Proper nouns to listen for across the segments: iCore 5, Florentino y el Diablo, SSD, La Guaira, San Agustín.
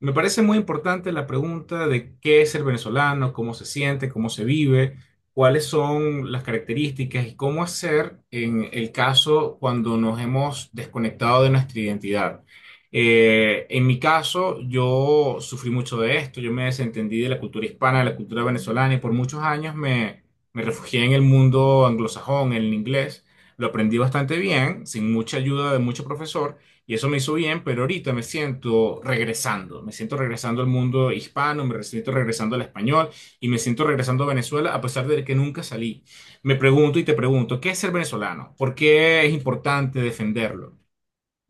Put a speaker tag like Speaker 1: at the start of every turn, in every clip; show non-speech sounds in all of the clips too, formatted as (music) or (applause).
Speaker 1: Me parece muy importante la pregunta de qué es ser venezolano, cómo se siente, cómo se vive, cuáles son las características y cómo hacer en el caso cuando nos hemos desconectado de nuestra identidad. En mi caso, yo sufrí mucho de esto, yo me desentendí de la cultura hispana, de la cultura venezolana y por muchos años me refugié en el mundo anglosajón, en el inglés. Lo aprendí bastante bien, sin mucha ayuda de mucho profesor. Y eso me hizo bien, pero ahorita me siento regresando al mundo hispano, me siento regresando al español y me siento regresando a Venezuela a pesar de que nunca salí. Me pregunto y te pregunto, ¿qué es ser venezolano? ¿Por qué es importante defenderlo?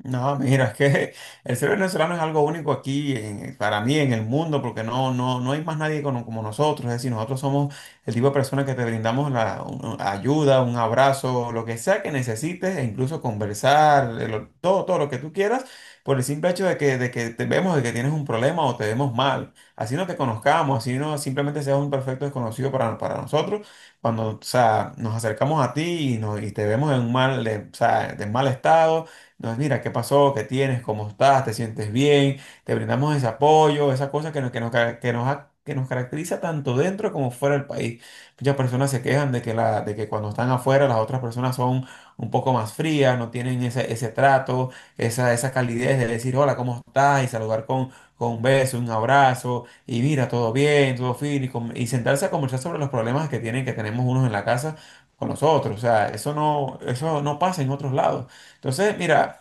Speaker 2: No, mira, es que (laughs) el ser venezolano es algo único para mí en el mundo, porque no, no, no hay más nadie como nosotros. Es decir, nosotros somos el tipo de personas que te brindamos ayuda, un abrazo, lo que sea que necesites, e incluso conversar, todo lo que tú quieras, por el simple hecho de que te vemos, de que tienes un problema o te vemos mal. Así no te conozcamos, así no simplemente seas un perfecto desconocido para nosotros. Cuando, o sea, nos acercamos a ti y te vemos en un mal, o sea, de mal estado. Entonces, mira, ¿qué pasó? ¿Qué tienes? ¿Cómo estás? ¿Te sientes bien? Te brindamos ese apoyo, esa cosa que nos, ca- que nos ha- que nos caracteriza tanto dentro como fuera del país. Muchas personas se quejan de que cuando están afuera las otras personas son un poco más frías, no tienen ese trato, esa calidez de decir hola, ¿cómo estás? Y saludar con un beso, un abrazo, y mira, todo bien, todo fin, y sentarse a conversar sobre los problemas que tienen, que tenemos unos en la casa con nosotros. O sea, eso no pasa en otros lados. Entonces, mira.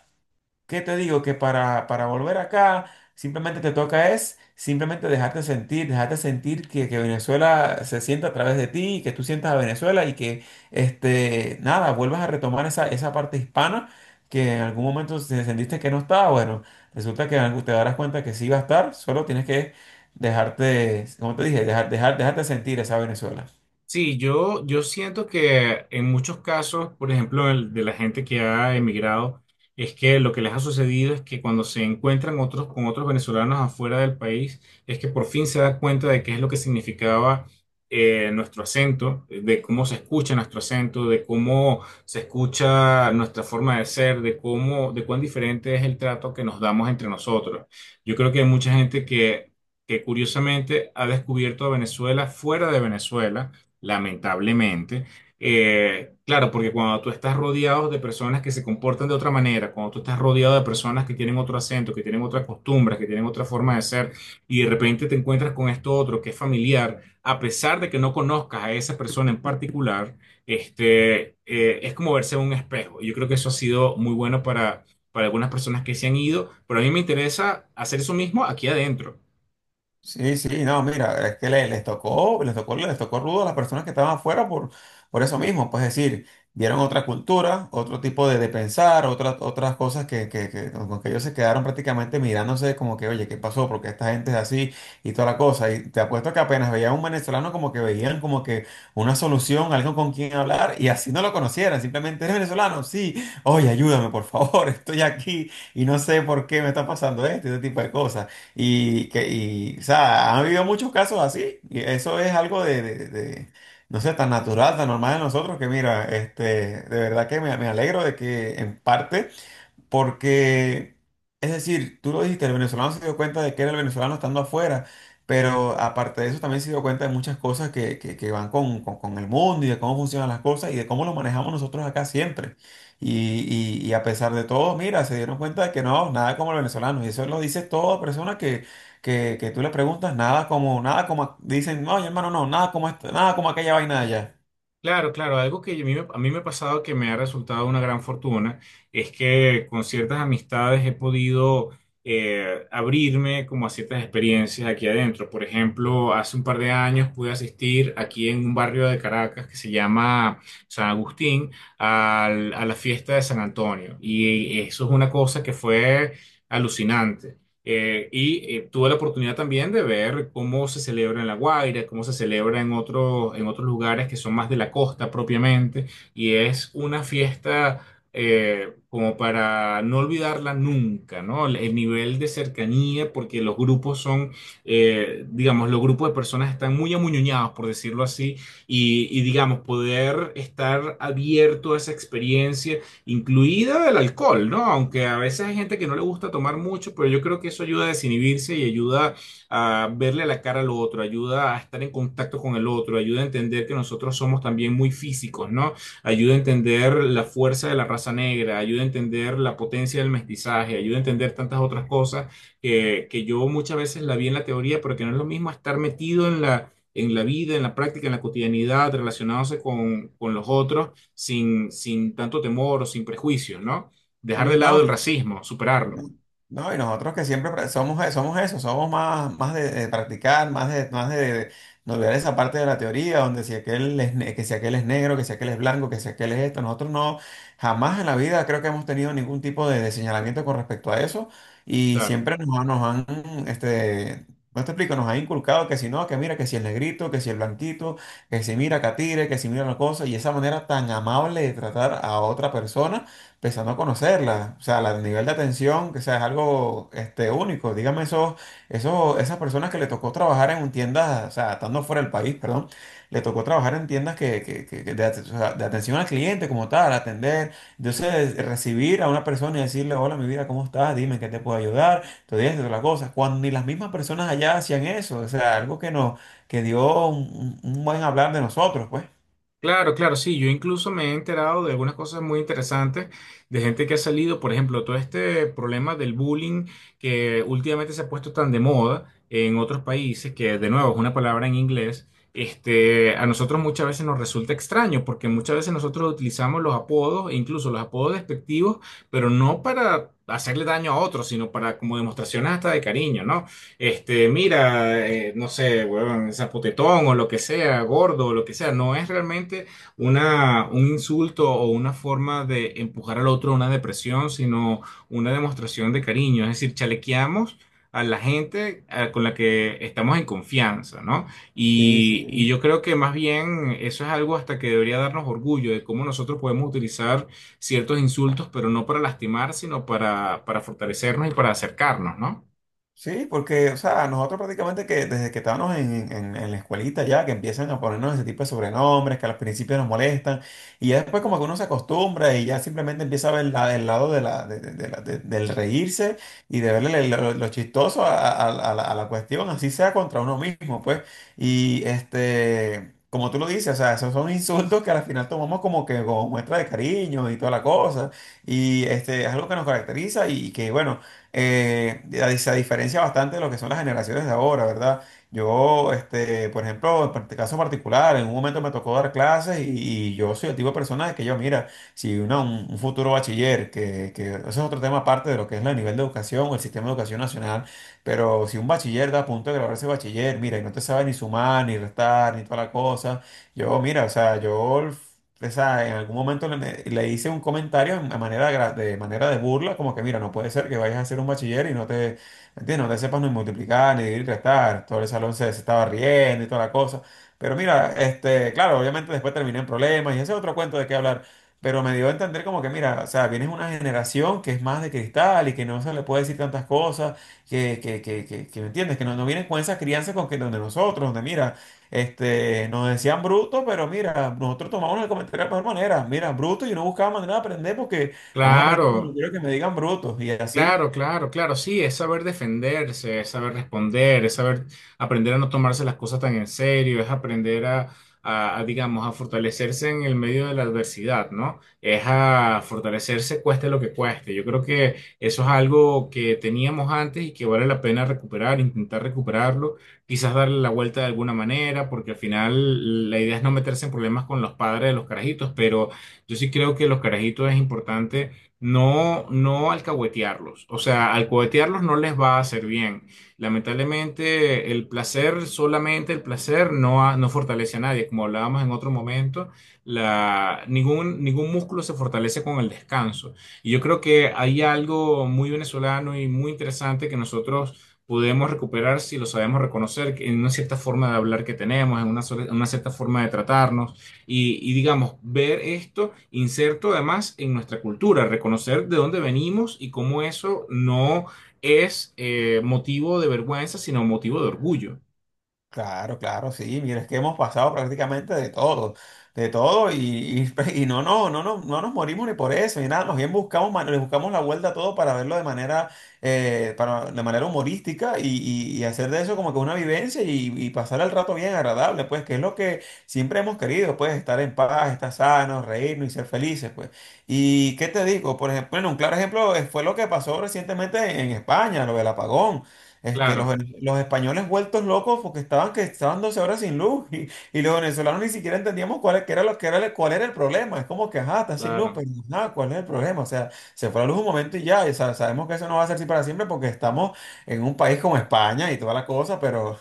Speaker 2: ¿Qué te digo? Que para volver acá simplemente te toca es simplemente dejarte sentir que Venezuela se sienta a través de ti, y que tú sientas a Venezuela y que, este, nada, vuelvas a retomar esa parte hispana que en algún momento sentiste que no estaba. Bueno, resulta que te darás cuenta que sí va a estar, solo tienes que dejarte, como te dije, dejarte sentir esa Venezuela.
Speaker 1: Sí, yo siento que en muchos casos, por ejemplo, el de la gente que ha emigrado, es que lo que les ha sucedido es que cuando se encuentran otros con otros venezolanos afuera del país, es que por fin se da cuenta de qué es lo que significaba nuestro acento, de cómo se escucha nuestro acento, de cómo se escucha nuestra forma de ser, de cómo, de cuán diferente es el trato que nos damos entre nosotros. Yo creo que hay mucha gente que curiosamente ha descubierto a Venezuela fuera de Venezuela, lamentablemente. Claro, porque cuando tú estás rodeado de personas que se comportan de otra manera, cuando tú estás rodeado de personas que tienen otro acento, que tienen otras costumbres, que tienen otra forma de ser, y de repente te encuentras con esto otro que es familiar, a pesar de que no conozcas a esa persona en particular, es como verse en un espejo. Y yo creo que eso ha sido muy bueno para algunas personas que se han ido, pero a mí me interesa hacer eso mismo aquí adentro.
Speaker 2: Sí, sí, no, mira, es que les tocó rudo a las personas que estaban afuera por eso mismo, pues es decir, vieron otra cultura, otro tipo de pensar, otras cosas que, con que ellos se quedaron prácticamente mirándose como que, oye, ¿qué pasó? Porque esta gente es así y toda la cosa. Y te apuesto que apenas veían a un venezolano como que veían como que una solución, algo con quien hablar y así no lo conocieran, simplemente eres venezolano, sí, oye, ayúdame, por favor, (laughs) estoy aquí y no sé por qué me está pasando esto y ese tipo de cosas. Y que, y, o sea, han habido muchos casos así, y eso es algo de no sé, tan natural, tan normal de nosotros, que mira, este, de verdad que me alegro de que en parte porque, es decir, tú lo dijiste, el venezolano se dio cuenta de que era el venezolano estando afuera, pero aparte de eso también se dio cuenta de muchas cosas que van con el mundo y de cómo funcionan las cosas y de cómo lo manejamos nosotros acá siempre. Y a pesar de todo, mira, se dieron cuenta de que no, nada como el venezolano. Y eso lo dice toda persona que, que tú le preguntas, nada como, nada como, dicen, no, hermano, no, nada como, nada como aquella vaina de allá.
Speaker 1: Claro, claro, algo que a mí me ha pasado que me ha resultado una gran fortuna es que con ciertas amistades he podido, abrirme como a ciertas experiencias aquí adentro. Por ejemplo, hace un par de años pude asistir aquí en un barrio de Caracas que se llama San Agustín a la fiesta de San Antonio, y eso es una cosa que fue alucinante. Tuve la oportunidad también de ver cómo se celebra en La Guaira, cómo se celebra en otros lugares que son más de la costa propiamente, y es una fiesta, como para no olvidarla nunca, ¿no? El nivel de cercanía, porque los grupos son, digamos, los grupos de personas están muy amuñoñados, por decirlo así, y digamos, poder estar abierto a esa experiencia, incluida el alcohol, ¿no? Aunque a veces hay gente que no le gusta tomar mucho, pero yo creo que eso ayuda a desinhibirse y ayuda a verle la cara al otro, ayuda a estar en contacto con el otro, ayuda a entender que nosotros somos también muy físicos, ¿no? Ayuda a entender la fuerza de la raza negra, ayuda a entender la potencia del mestizaje, ayuda a entender tantas otras cosas que yo muchas veces la vi en la teoría, pero que no es lo mismo estar metido en la en la vida, en la práctica, en la cotidianidad, relacionándose con los otros, sin, sin tanto temor o sin prejuicios, ¿no? Dejar
Speaker 2: Sí,
Speaker 1: de lado
Speaker 2: no,
Speaker 1: el racismo, superarlo.
Speaker 2: no, y nosotros que siempre somos, somos eso, somos más, más de practicar, más de no olvidar esa parte de la teoría, donde si aquel es, que si aquel es negro, que si aquel es blanco, que si aquel es esto, nosotros no, jamás en la vida creo que hemos tenido ningún tipo de señalamiento con respecto a eso, y
Speaker 1: Claro.
Speaker 2: siempre nos han, este, no te explico, nos han inculcado que si no, que mira, que si el negrito, que si el blanquito, que si mira Catire, que si mira la cosa, y esa manera tan amable de tratar a otra persona empezando a conocerla, o sea, el nivel de atención, que sea, es algo este, único. Dígame esas personas que le tocó trabajar en un tiendas, o sea, estando fuera del país, perdón, le tocó trabajar en tiendas o sea, de atención al cliente como tal, atender, entonces recibir a una persona y decirle, hola, mi vida, ¿cómo estás? Dime ¿en qué te puedo ayudar, todo esto, todas las cosas, cuando ni las mismas personas allá hacían eso, o sea, algo que nos, que dio un buen hablar de nosotros, pues.
Speaker 1: Claro, claro, sí. Yo incluso me he enterado de algunas cosas muy interesantes de gente que ha salido, por ejemplo, todo este problema del bullying, que últimamente se ha puesto tan de moda en otros países, que de nuevo es una palabra en inglés. A nosotros muchas veces nos resulta extraño porque muchas veces nosotros utilizamos los apodos, e incluso los apodos despectivos, pero no para hacerle daño a otros, sino para como demostraciones hasta de cariño, ¿no? Mira, no sé, weón, zapotetón o lo que sea, gordo o lo que sea, no es realmente una, un insulto o una forma de empujar al otro a una depresión, sino una demostración de cariño. Es decir, chalequeamos a la gente, con la que estamos en confianza, ¿no?
Speaker 2: Sí, sí.
Speaker 1: Y yo creo que más bien eso es algo hasta que debería darnos orgullo de cómo nosotros podemos utilizar ciertos insultos, pero no para lastimar, sino para fortalecernos y para acercarnos, ¿no?
Speaker 2: Sí, porque, o sea, nosotros prácticamente que desde que estábamos en la escuelita ya, que empiezan a ponernos ese tipo de sobrenombres que al principio nos molestan, y ya después como que uno se acostumbra y ya simplemente empieza a ver la- el lado de la, de la- de- del reírse y de verle lo chistoso a la cuestión, así sea contra uno mismo, pues. Y este, como tú lo dices, o sea, esos son (laughs) insultos que al final tomamos como que como muestra de cariño y toda la cosa, y este, es algo que nos caracteriza y que, bueno, se diferencia bastante de lo que son las generaciones de ahora, ¿verdad? Yo, este, por ejemplo, caso particular, en un momento me tocó dar clases y yo soy el tipo de persona de que yo, mira, si un futuro bachiller, que eso es otro tema aparte de lo que es el nivel de educación o el sistema de educación nacional, pero si un bachiller da a punto de graduarse de bachiller, mira, y no te sabe ni sumar, ni restar, ni toda la cosa, yo, mira, o sea, yo esa, en algún momento le hice un comentario de manera de, de manera de burla, como que mira, no puede ser que vayas a ser un bachiller y no te, ¿entiendes? No te sepas ni multiplicar, ni dividir, restar. Todo el salón se estaba riendo y toda la cosa. Pero mira, este, claro, obviamente después terminé en problemas y ese es otro cuento de qué hablar. Pero me dio a entender como que, mira, o sea, vienes de una generación que es más de cristal y que no se le puede decir tantas cosas, que ¿me entiendes? Que no, no vienes con esa crianza con que donde nosotros, donde mira. Este, nos decían bruto, pero mira, nosotros tomamos el comentario de la mejor manera. Mira, bruto, yo no buscaba manera de aprender porque vamos a aprender, pero no
Speaker 1: Claro.
Speaker 2: quiero que me digan brutos y así.
Speaker 1: Claro, claro, claro, sí, es saber defenderse, es saber responder, es saber aprender a no tomarse las cosas tan en serio, es aprender a, digamos, a fortalecerse en el medio de la adversidad, ¿no? Es a fortalecerse cueste lo que cueste. Yo creo que eso es algo que teníamos antes y que vale la pena recuperar, intentar recuperarlo, quizás darle la vuelta de alguna manera, porque al final la idea es no meterse en problemas con los padres de los carajitos, pero yo sí creo que los carajitos es importante no, no alcahuetearlos. O sea, alcahuetearlos no les va a hacer bien. Lamentablemente, el placer, solamente el placer, no, no fortalece a nadie. Como hablábamos en otro momento, la, ningún músculo se fortalece con el descanso. Y yo creo que hay algo muy venezolano y muy interesante que nosotros podemos recuperar si lo sabemos reconocer, que en una cierta forma de hablar que tenemos, en una, en una cierta forma de tratarnos. Y, digamos, ver esto inserto además en nuestra cultura, reconocer de dónde venimos y cómo eso no es, motivo de vergüenza, sino motivo de orgullo.
Speaker 2: Claro, claro, sí, mira, es que hemos pasado prácticamente de todo, y, (laughs) y no, no, no, no, no nos morimos ni por eso, ni nada, más bien buscamos, le buscamos la vuelta a todo para verlo de manera, para, de manera humorística y hacer de eso como que una vivencia y pasar el rato bien agradable, pues, que es lo que siempre hemos querido, pues, estar en paz, estar sanos, reírnos y ser felices, pues. ¿Y qué te digo? Por ejemplo, bueno, un claro ejemplo fue lo que pasó recientemente en España, lo del apagón. Este, los,
Speaker 1: Claro,
Speaker 2: los españoles vueltos locos porque estaban 12 horas sin luz y los venezolanos ni siquiera entendíamos cuál, qué era lo, que era, el- cuál era el problema. Es como que, ajá, está sin luz,
Speaker 1: claro.
Speaker 2: pero nada ¿cuál es el problema? O sea, se fue la luz un momento y ya, sabemos que eso no va a ser así para siempre porque estamos en un país como España y toda la cosa, pero, (laughs) o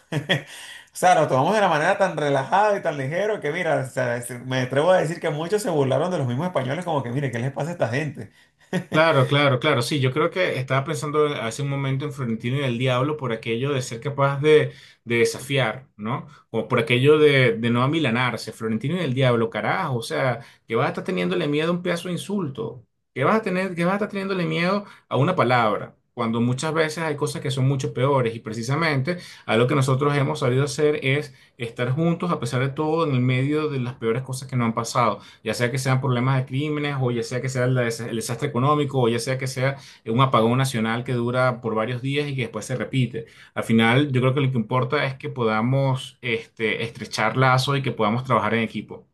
Speaker 2: sea, lo tomamos de la manera tan relajada y tan ligero que, mira, o sea, me atrevo a decir que muchos se burlaron de los mismos españoles como que, mire, ¿qué les pasa a esta gente? (laughs)
Speaker 1: Claro, claro, claro. Sí, yo creo que estaba pensando hace un momento en Florentino y el Diablo por aquello de ser capaz de desafiar, ¿no? O por aquello de no amilanarse. Florentino y el Diablo, carajo. O sea, que vas a estar teniéndole miedo a un pedazo de insulto. Que vas a tener, que vas a estar teniéndole miedo a una palabra. Cuando muchas veces hay cosas que son mucho peores. Y precisamente a lo que nosotros hemos sabido hacer es estar juntos a pesar de todo en el medio de las peores cosas que nos han pasado, ya sea que sean problemas de crímenes o ya sea que sea el, el desastre económico o ya sea que sea un apagón nacional que dura por varios días y que después se repite. Al final, yo creo que lo que importa es que podamos, estrechar lazos y que podamos trabajar en equipo.